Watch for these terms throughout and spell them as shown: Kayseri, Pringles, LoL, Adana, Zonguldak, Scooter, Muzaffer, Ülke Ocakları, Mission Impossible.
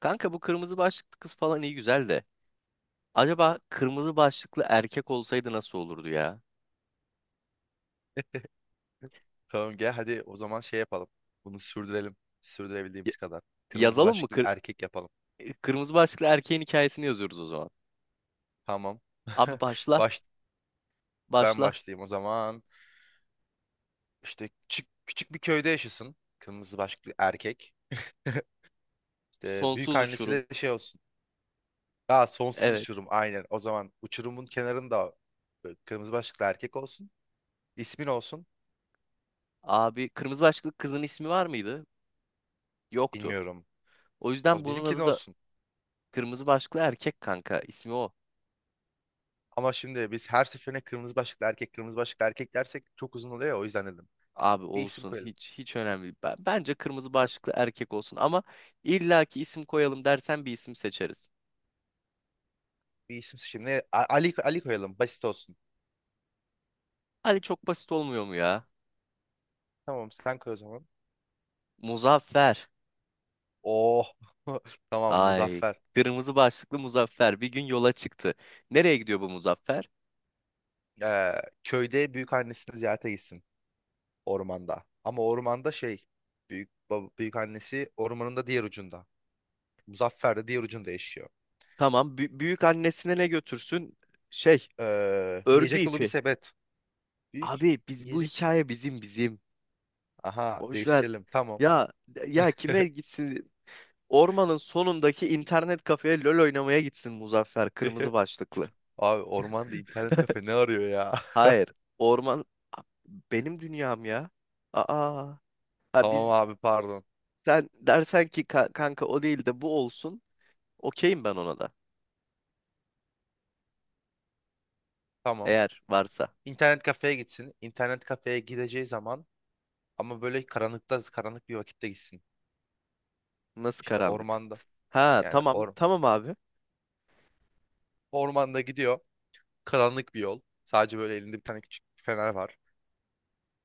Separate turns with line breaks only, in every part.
Kanka bu kırmızı başlıklı kız falan iyi güzel de. Acaba kırmızı başlıklı erkek olsaydı nasıl olurdu ya?
Tamam, gel hadi o zaman şey yapalım. Bunu sürdürelim.
Y-
Sürdürebildiğimiz kadar. Kırmızı
Yazalım mı?
başlıklı
Kır-
erkek yapalım.
kırmızı başlıklı erkeğin hikayesini yazıyoruz o zaman.
Tamam.
Abi başla.
Baş, ben
Başla.
başlayayım o zaman. İşte küçük, küçük bir köyde yaşasın. Kırmızı başlıklı erkek. İşte büyük
Sonsuz
annesi
uçurum.
de şey olsun. Aa, sonsuz
Evet.
uçurum aynen. O zaman uçurumun kenarında böyle kırmızı başlıklı erkek olsun. İsmin olsun.
Abi kırmızı başlıklı kızın ismi var mıydı? Yoktu.
Bilmiyorum.
O yüzden
O
bunun
bizimkinin
adı da
olsun.
kırmızı başlıklı erkek kanka. İsmi o.
Ama şimdi biz her seferine kırmızı başlıklı erkek, kırmızı başlıklı erkek dersek çok uzun oluyor ya, o yüzden dedim.
Abi
Bir isim
olsun,
koyalım.
hiç önemli değil. Bence kırmızı
Ya,
başlıklı erkek olsun, ama illaki isim koyalım dersen bir isim seçeriz.
bir isim şimdi Ali, Ali koyalım. Basit olsun.
Hadi çok basit olmuyor mu ya?
Tamam, sen koy o zaman.
Muzaffer.
Oh. Tamam,
Ay,
Muzaffer.
kırmızı başlıklı Muzaffer bir gün yola çıktı. Nereye gidiyor bu Muzaffer?
Ee, köyde büyük annesini ziyarete gitsin ormanda. Ama ormanda şey, büyük, büyük annesi ormanın da diğer ucunda. Muzaffer de diğer ucunda yaşıyor.
Tamam, büyük annesine ne götürsün? Şey, örgü
Yiyecek dolu bir
ipi.
sepet. Büyük
Abi biz, bu
yiyecek.
hikaye bizim bizim.
Aha,
Boş ver.
değiştirelim. Tamam.
Ya ya kime gitsin? Ormanın sonundaki internet kafeye LoL oynamaya gitsin Muzaffer kırmızı başlıklı.
Abi, ormanda internet kafe ne arıyor ya?
Hayır, orman, A- benim dünyam ya. Aa, ha,
Tamam abi, pardon.
sen dersen ki Kanka o değil de bu olsun." Okeyim ben ona da.
Tamam.
Eğer varsa.
İnternet kafeye gitsin. İnternet kafeye gideceği zaman ama böyle karanlıkta, karanlık bir vakitte gitsin.
Nasıl
İşte
karanlık?
ormanda.
Ha,
Yani
tamam tamam abi.
ormanda gidiyor. Karanlık bir yol. Sadece böyle elinde bir tane küçük bir fener var.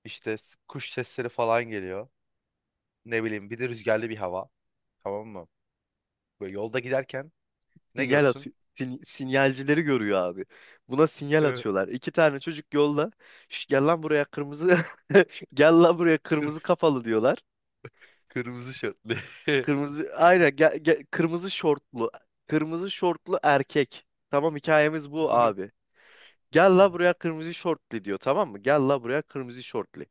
İşte kuş sesleri falan geliyor. Ne bileyim, bir de rüzgarlı bir hava. Tamam mı? Böyle yolda giderken ne
Sinyal
görsün?
atıyor. Sinyalcileri görüyor abi. Buna sinyal atıyorlar. İki tane çocuk yolda. "Şş, gel lan buraya kırmızı." Gel lan buraya kırmızı kafalı diyorlar.
Kırmızı şortlu.
Kırmızı aynen gel, kırmızı şortlu. Kırmızı şortlu erkek. Tamam, hikayemiz bu abi. Gel la buraya kırmızı şortlu diyor, tamam mı? Gel la buraya kırmızı şortlu.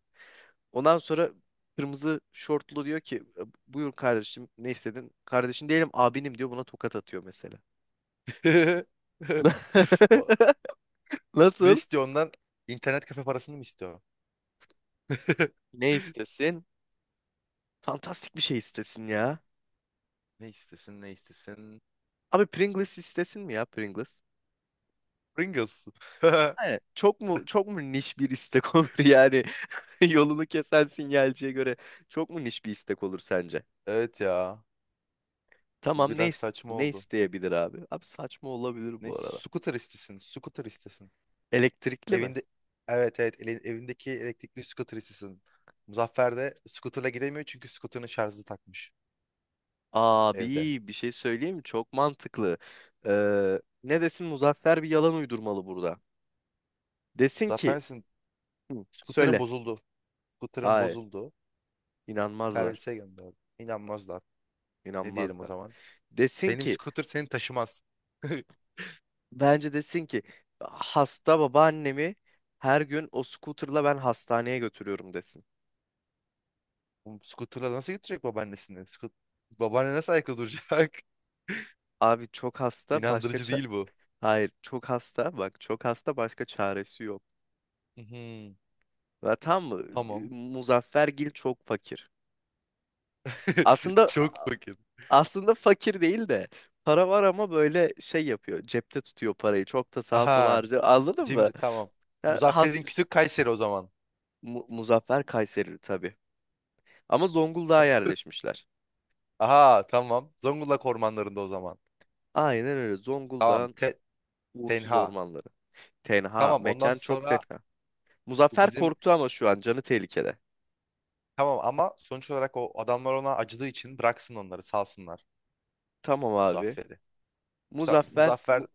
Ondan sonra kırmızı şortlu diyor ki buyur kardeşim, ne istedin? Kardeşin değilim abinim diyor, buna tokat atıyor mesela.
O- Ne
Nasıl?
istiyor ondan? İnternet kafe parasını mı istiyor?
Ne istesin? Fantastik bir şey istesin ya.
Ne istesin, ne istesin?
Abi Pringles istesin mi ya, Pringles?
Pringles.
Aynen. Çok mu niş bir istek olur yani? Yolunu kesen sinyalciye göre çok mu niş bir istek olur sence?
Evet ya. Bu
Tamam,
biraz saçma
ne
oldu.
isteyebilir abi? Abi saçma olabilir
Ne?
bu arada.
Scooter istesin. Scooter istesin.
Elektrikli mi?
Evinde, evet, evet, evindeki elektrikli scooter istesin. Muzaffer de scooter'la gidemiyor çünkü scooter'ın şarjı takmış evde.
Abi bir şey söyleyeyim mi? Çok mantıklı. Ne desin Muzaffer, bir yalan uydurmalı burada. Desin
Muzaffer
ki.
misin?
Hı,
Scooter'ın
söyle.
bozuldu. Scooter'ın
Hayır,
bozuldu.
inanmazlar.
Servise gönderdi. İnanmazlar. Ne diyelim o
İnanmazlar.
zaman?
Desin
Benim
ki
scooter seni taşımaz.
Bence desin ki hasta babaannemi her gün o scooter'la ben hastaneye götürüyorum desin.
Bu scooter'la nasıl götürecek babaannesini? Babaanne nasıl ayakta duracak?
Abi çok hasta, başka
İnandırıcı
ça-
değil bu.
Hayır, çok hasta. Bak çok hasta, başka çaresi yok.
Mhm.
Ve tam mı?
Tamam.
Muzaffergil çok fakir. Aslında
Çok fakir.
Aslında fakir değil de para var, ama böyle şey yapıyor. Cepte tutuyor parayı. Çok da sağa sola
Aha.
harcıyor. Anladın mı?
Cimri, tamam.
Ya has
Muzaffer'in kütük Kayseri o zaman.
Muzaffer Kayserili tabii. Ama Zonguldak'a yerleşmişler.
Aha, tamam. Zonguldak ormanlarında o zaman.
Aynen öyle.
Tamam.
Zonguldak'ın uğursuz
Tenha.
ormanları. Tenha.
Tamam, ondan
Mekan çok
sonra
tenha.
bu
Muzaffer
bizim,
korktu ama şu an canı tehlikede.
tamam, ama sonuç olarak o adamlar ona acıdığı için bıraksın, onları salsınlar
Tamam abi.
Muzaffer'i. Tamam,
Muzaffer
Muzaffer.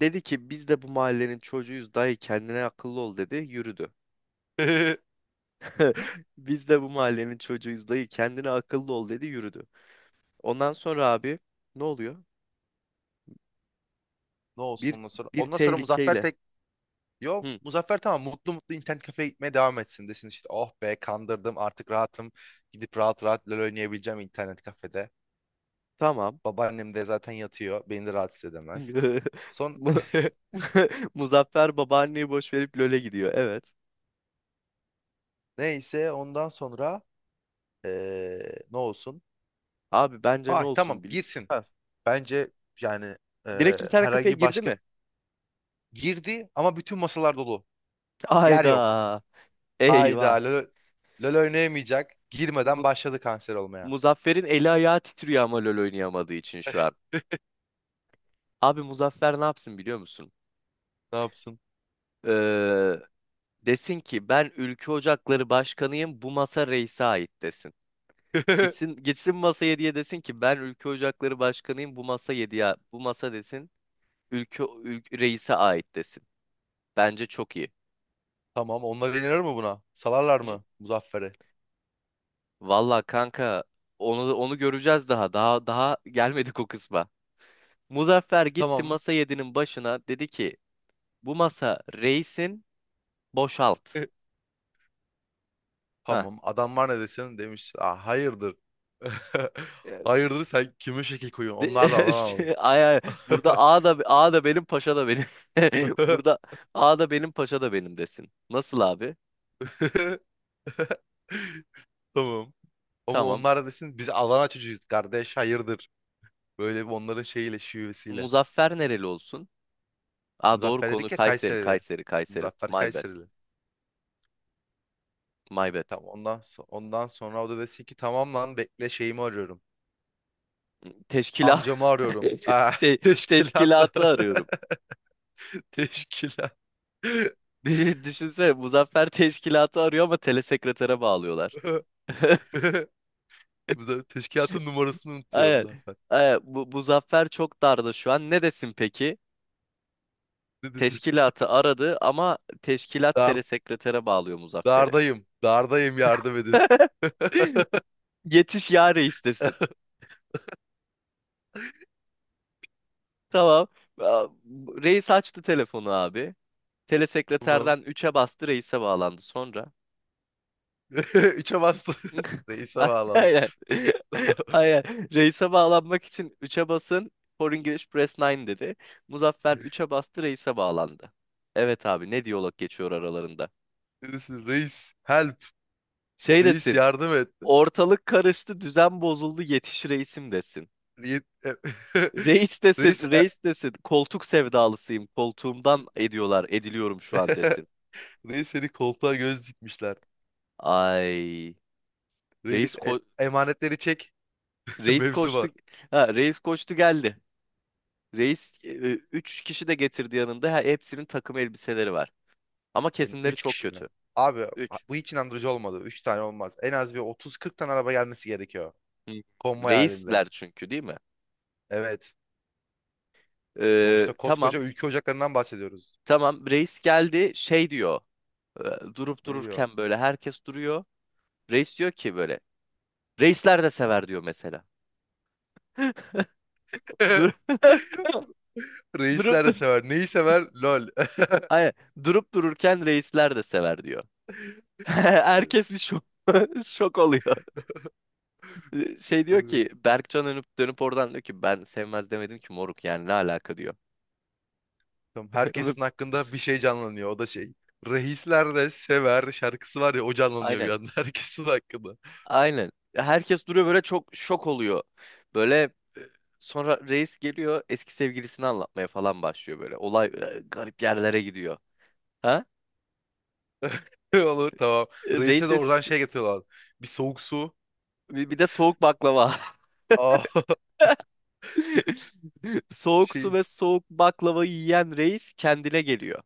dedi ki biz de bu mahallenin çocuğuyuz dayı, kendine akıllı ol dedi yürüdü.
Ne
Biz de bu mahallenin çocuğuyuz dayı, kendine akıllı ol dedi yürüdü. Ondan sonra abi ne oluyor?
olsun
Bir
ondan sonra?
bir
Ondan sonra Muzaffer
tehlikeyle.
tek. Yok,
Hı,
Muzaffer tamam, mutlu mutlu internet kafeye gitmeye devam etsin, desin işte "oh be, kandırdım, artık rahatım, gidip rahat rahat LoL oynayabileceğim internet kafede.
tamam.
Babaannem de zaten yatıyor, beni de rahatsız edemez." Son
Mu- Muzaffer babaanneyi boş verip LoL'e gidiyor. Evet.
neyse, ondan sonra ne olsun?
Abi bence ne
Ay tamam,
olsun biliyor
girsin
musun?
bence, yani
Direkt internet kafeye
herhangi
girdi
başka.
mi?
Girdi ama bütün masalar dolu, yer yok.
Ayda. Eyvah.
Hayda, LoL, LoL oynayamayacak, girmeden
Mu-
başladı kanser olmaya.
Muzaffer'in eli ayağı titriyor, ama LoL oynayamadığı için şu an. Abi Muzaffer ne yapsın biliyor musun?
Ne yapsın?
Ee, Desin ki ben Ülke Ocakları Başkanıyım, bu masa reise ait desin. Gitsin gitsin masa 7'ye, desin ki ben Ülke Ocakları Başkanıyım bu masa 7'ye, bu masa desin. Ülke reise ait desin. Bence çok iyi.
Tamam. Onlar inanır mı buna? Salarlar
Hı?
mı Muzaffer'i?
Vallahi kanka, onu göreceğiz daha. Daha gelmedik o kısma. Muzaffer gitti
Tamam.
masa 7'nin başına, dedi ki bu masa reisin, boşalt.
E,
Ha.
tamam. Adam var, ne desin demiş? Aa, hayırdır.
E,
Hayırdır, sen kime şekil koyuyorsun? Onlar da Adanalı.
şey, ay, ay, burada A da benim paşa da benim. Burada A da benim paşa da benim desin. Nasıl abi?
Tamam. Ama
Tamam.
onlar da desin "biz Adana çocuğuyuz kardeş, hayırdır." Böyle bir onların şeyiyle, şivesiyle.
Muzaffer nereli olsun? Aa doğru,
Muzaffer
konu
dedik ya,
Kayseri,
Kayserili.
Kayseri, Kayseri.
Muzaffer
My bad,
Kayserili.
my bad.
Tamam, ondan sonra o da desin ki "tamam lan, bekle, şeyimi arıyorum.
Teşkila
Amcamı arıyorum." Ah,
Te- teşkilatı
teşkilatlar.
arıyorum.
Teşkilat.
Düşünsene Muzaffer teşkilatı arıyor ama telesekretere bağlıyorlar.
Bu da teşkilatın numarasını unutuyorum
Aynen.
zaten.
Aynen. Bu, Muzaffer çok darda şu an. Ne desin peki?
Ne desin?
Teşkilatı aradı ama teşkilat
Dar,
telesekretere bağlıyor Muzaffer'i.
dardayım. Dardayım, yardım edin.
Yetiş ya reis desin. Tamam. Aa, reis açtı telefonu abi.
Tamam.
Telesekreterden 3'e bastı, reise bağlandı sonra.
Üçe bastı. Reis'e bağlandı.
Aynen. Aynen. Reise bağlanmak için 3'e basın. For English Press 9 dedi. Muzaffer 3'e bastı, reise bağlandı. Evet abi, ne diyalog geçiyor aralarında.
Ne desin? Reis, help.
Şey
Reis,
desin.
yardım et.
Ortalık karıştı, düzen bozuldu, yetiş reisim desin.
Reis.
Reis desin,
Reis,
reis desin. Koltuk sevdalısıyım, koltuğumdan ediyorlar, ediliyorum şu an desin.
Reis, seni koltuğa göz dikmişler.
Ay.
Reis,
Reis ko
emanetleri çek.
Reis
Mevzu
koştu.
var.
Ha, reis koştu geldi. Reis 3 kişi de getirdi yanında. Hepsinin takım elbiseleri var. Ama
Yani
kesimleri
üç
çok
kişi mi?
kötü.
Abi,
3
bu hiç inandırıcı olmadı. Üç tane olmaz. En az bir 30-40 tane araba gelmesi gerekiyor. Konvoy halinde.
Reisler çünkü değil mi?
Evet. Sonuçta koskoca
Tamam.
ülke ocaklarından bahsediyoruz.
Tamam. Reis geldi, şey diyor. Durup
Ne diyor?
dururken böyle herkes duruyor. Reis diyor ki böyle. Reisler de sever diyor mesela. Dur durup
Reisler de
dur
sever. Neyi sever? LOL.
Aynen. Durup dururken reisler de sever diyor. Herkes şok oluyor. Şey diyor
Evet.
ki Berkcan, dönüp dönüp oradan diyor ki ben sevmez demedim ki moruk, yani ne alaka diyor.
Tamam,
Ve-
herkesin hakkında bir şey canlanıyor. O da şey. "Reisler de Sever" şarkısı var ya, o canlanıyor bir
Aynen.
anda herkesin hakkında.
Aynen. Herkes duruyor böyle, çok şok oluyor. Böyle e, sonra reis geliyor, eski sevgilisini anlatmaya falan başlıyor böyle. Olay garip yerlere gidiyor. Ha?
Olur, tamam.
E, Reis
Reis'e de oradan
eskisi
şey getiriyorlar. Bir soğuk su.
bir bir de soğuk baklava.
Aa,
Soğuk su
şey,
ve soğuk baklava yiyen reis kendine geliyor.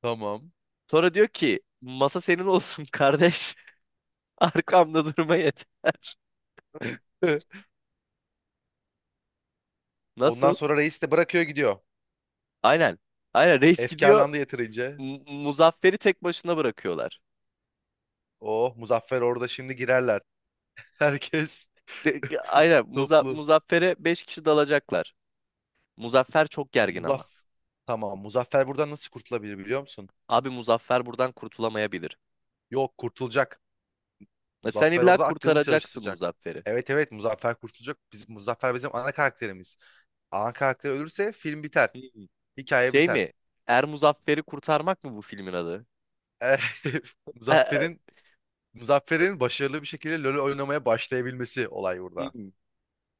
tamam.
Sonra diyor ki masa senin olsun kardeş. Arkamda durma yeter.
Ondan
Nasıl?
sonra reis de bırakıyor, gidiyor.
Aynen. Aynen reis gidiyor.
Efkarlandı yeterince.
Muzaffer'i tek başına bırakıyorlar.
Oh, Muzaffer orada şimdi girerler. Herkes
Aynen,
toplu.
Muzaffer'e 5 kişi dalacaklar. Muzaffer çok gergin
Muzaff
ama.
tamam, Muzaffer buradan nasıl kurtulabilir biliyor musun?
Abi Muzaffer buradan kurtulamayabilir.
Yok, kurtulacak.
Sen
Muzaffer
illa
orada aklını
kurtaracaksın
çalıştıracak.
Muzaffer'i.
Evet, evet, Muzaffer kurtulacak. Muzaffer bizim ana karakterimiz. Ana karakter ölürse film biter.
Hmm.
Hikaye
Şey
biter.
mi? Er Muzaffer'i Kurtarmak mı bu filmin adı? E,
Muzaffer'in
e,
Muzaffer'in başarılı bir şekilde LoL oynamaya başlayabilmesi olay burada.
hmm.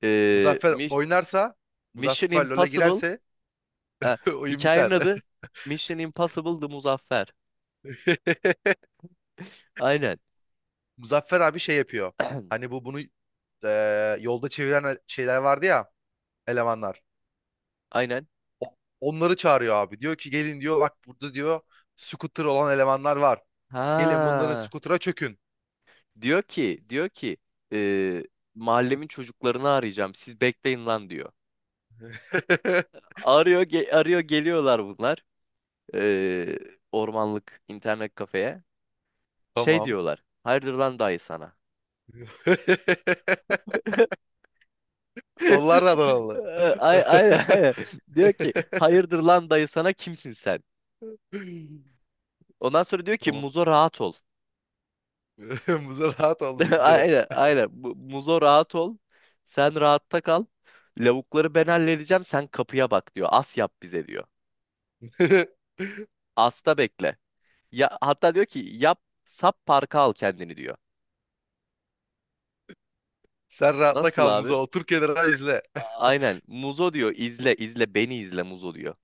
Ee,
Muzaffer
Mis-
oynarsa,
Mission
Muzaffer LoL'e
Impossible.
girerse
E,
oyun
Hikayenin
biter.
adı Mission Impossible The Muzaffer. Aynen.
Muzaffer abi şey yapıyor. Hani bu bunu, yolda çeviren, şeyler vardı ya, elemanlar.
Aynen.
Onları çağırıyor abi. Diyor ki "gelin" diyor, "bak burada" diyor, "scooter olan elemanlar var. Gelin, bunların
Ha.
scooter'a çökün."
Diyor ki, e, mahallemin çocuklarını arayacağım. Siz bekleyin lan diyor. Arıyor, arıyor geliyorlar bunlar. Ee, Ormanlık internet kafeye. Şey
Tamam.
diyorlar. Hayırdır lan dayı sana.
Onlar da Adanalı.
Ee, Aynen aynen. Diyor ki hayırdır lan dayı sana, kimsin sen? Ondan sonra diyor ki
Tamam.
Muzo rahat ol.
Muza, rahat ol, bizde.
Aynen aynen. Muzo rahat ol. Sen rahatta kal. Lavukları ben halledeceğim. Sen kapıya bak diyor. As yap bize diyor. Asta bekle. Ya, hatta diyor ki yap sap parka al kendini diyor.
Sen rahatla
Nasıl
kal Muza.
abi?
Otur kenara, izle.
Aynen. Muzo diyor, izle izle beni izle Muzo diyor.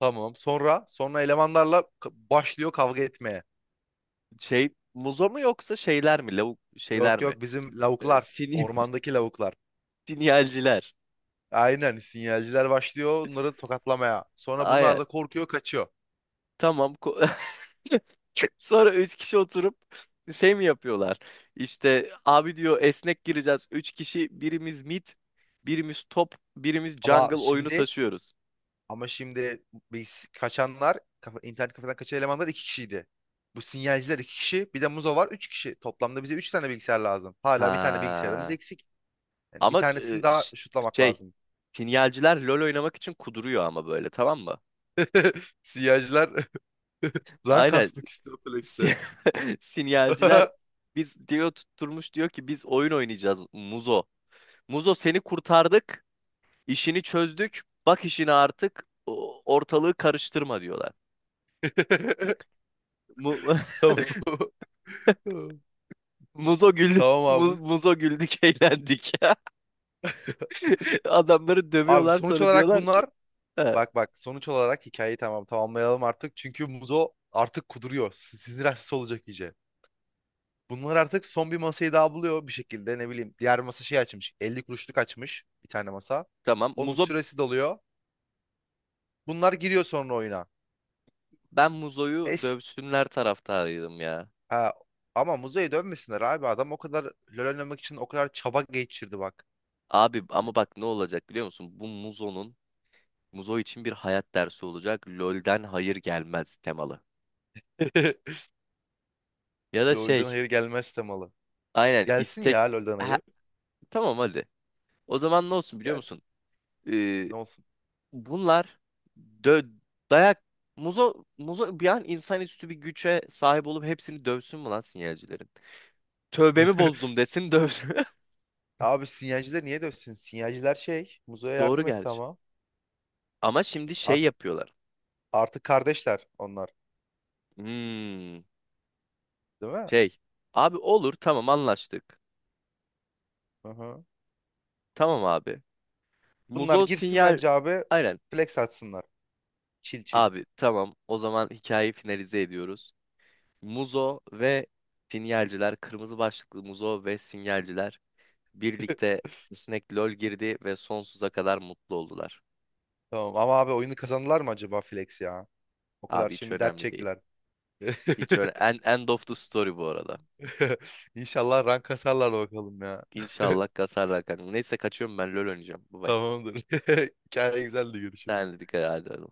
Tamam. Sonra elemanlarla başlıyor kavga etmeye.
Şey Muzo mu yoksa şeyler mi? Lavuk şeyler
Yok
mi?
yok, bizim lavuklar.
Sin
Ormandaki lavuklar.
Sinyalciler.
Aynen, sinyalciler başlıyor onları tokatlamaya. Sonra bunlar da
Aynen.
korkuyor, kaçıyor.
Tamam. Sonra üç kişi oturup şey mi yapıyorlar? İşte abi diyor esnek gireceğiz. Üç kişi birimiz mid, birimiz top, birimiz
Ama
jungle oyunu
şimdi
taşıyoruz.
ama şimdi biz, kaçanlar, internet kafeden kaçan elemanlar iki kişiydi. Bu sinyalciler iki kişi, bir de Muzo var, üç kişi. Toplamda bize üç tane bilgisayar lazım. Hala bir tane bilgisayarımız
Ha.
eksik. Yani bir
Ama
tanesini daha şutlamak
şey
lazım.
sinyalciler LoL oynamak için kuduruyor ama böyle, tamam mı?
Sinyalciler rank
Aynen
kasmak istiyor Flex'te.
si- sinyalciler biz diyor tutturmuş, diyor ki biz oyun oynayacağız Muzo. Muzo seni kurtardık, işini çözdük. Bak işine artık, ortalığı karıştırma diyorlar. Mu
Tamam.
Muzo güldük,
Tamam abi.
Muzo güldük, eğlendik. Adamları
Abi,
dövüyorlar
sonuç
sonra
olarak
diyorlar ki.
bunlar,
He,
bak bak, sonuç olarak hikayeyi tamamlayalım artık. Çünkü Muzo artık kuduruyor. Sinir hastası olacak iyice. Bunlar artık son bir masayı daha buluyor bir şekilde, ne bileyim. Diğer masa şey açmış. 50 kuruşluk açmış bir tane masa.
tamam
Onun
Muzo,
süresi doluyor. Bunlar giriyor sonra oyuna.
ben Muzo'yu
Es
dövsünler taraftarıydım ya.
ha, ama Muzo'ya dönmesinler abi. Adam o kadar LoL oynamak için o kadar çaba geçirdi bak.
Abi
Yani.
ama bak ne olacak biliyor musun? Bu Muzo'nun Muzo için bir hayat dersi olacak. LoL'den hayır gelmez temalı. Ya da
LoL'den
şey,
hayır gelmez temalı.
aynen,
Gelsin
istek,
ya, LoL'den
ha,
hayır.
tamam hadi. O zaman ne olsun biliyor
Gelsin.
musun? Ee,
Ne olsun?
Bunlar dö dayak, muzo bir an insanüstü bir güce sahip olup hepsini dövsün mü lan sinyalcilerin? Tövbemi bozdum desin dövsün.
Abi, sinyalciler niye dövsün? Sinyalciler şey, Muzo'ya
Doğru
yardım etti
gerçi.
ama.
Ama şimdi şey
Artık
yapıyorlar.
artık kardeşler onlar,
Hmm,
değil mi?
şey. Abi olur tamam anlaştık.
Hı-hı.
Tamam abi.
Bunlar
Muzo
girsin
sinyal
bence abi,
Aynen.
flex atsınlar. Çil çil.
Abi tamam o zaman hikayeyi finalize ediyoruz. Muzo ve sinyalciler, kırmızı başlıklı Muzo ve sinyalciler birlikte Snack LoL girdi ve sonsuza kadar mutlu oldular.
Tamam ama abi, oyunu kazandılar mı acaba flex ya? O kadar
Abi hiç
şimdi dert
önemli değil.
çektiler.
Hiç öyle, en end of the story bu arada.
İnşallah rank kasarlar bakalım ya.
İnşallah kasarlar kanka. Neyse kaçıyorum ben, LoL oynayacağım. Bye bye.
Tamamdır. Hikaye güzeldi, görüşürüz.
Sen de dikkat et.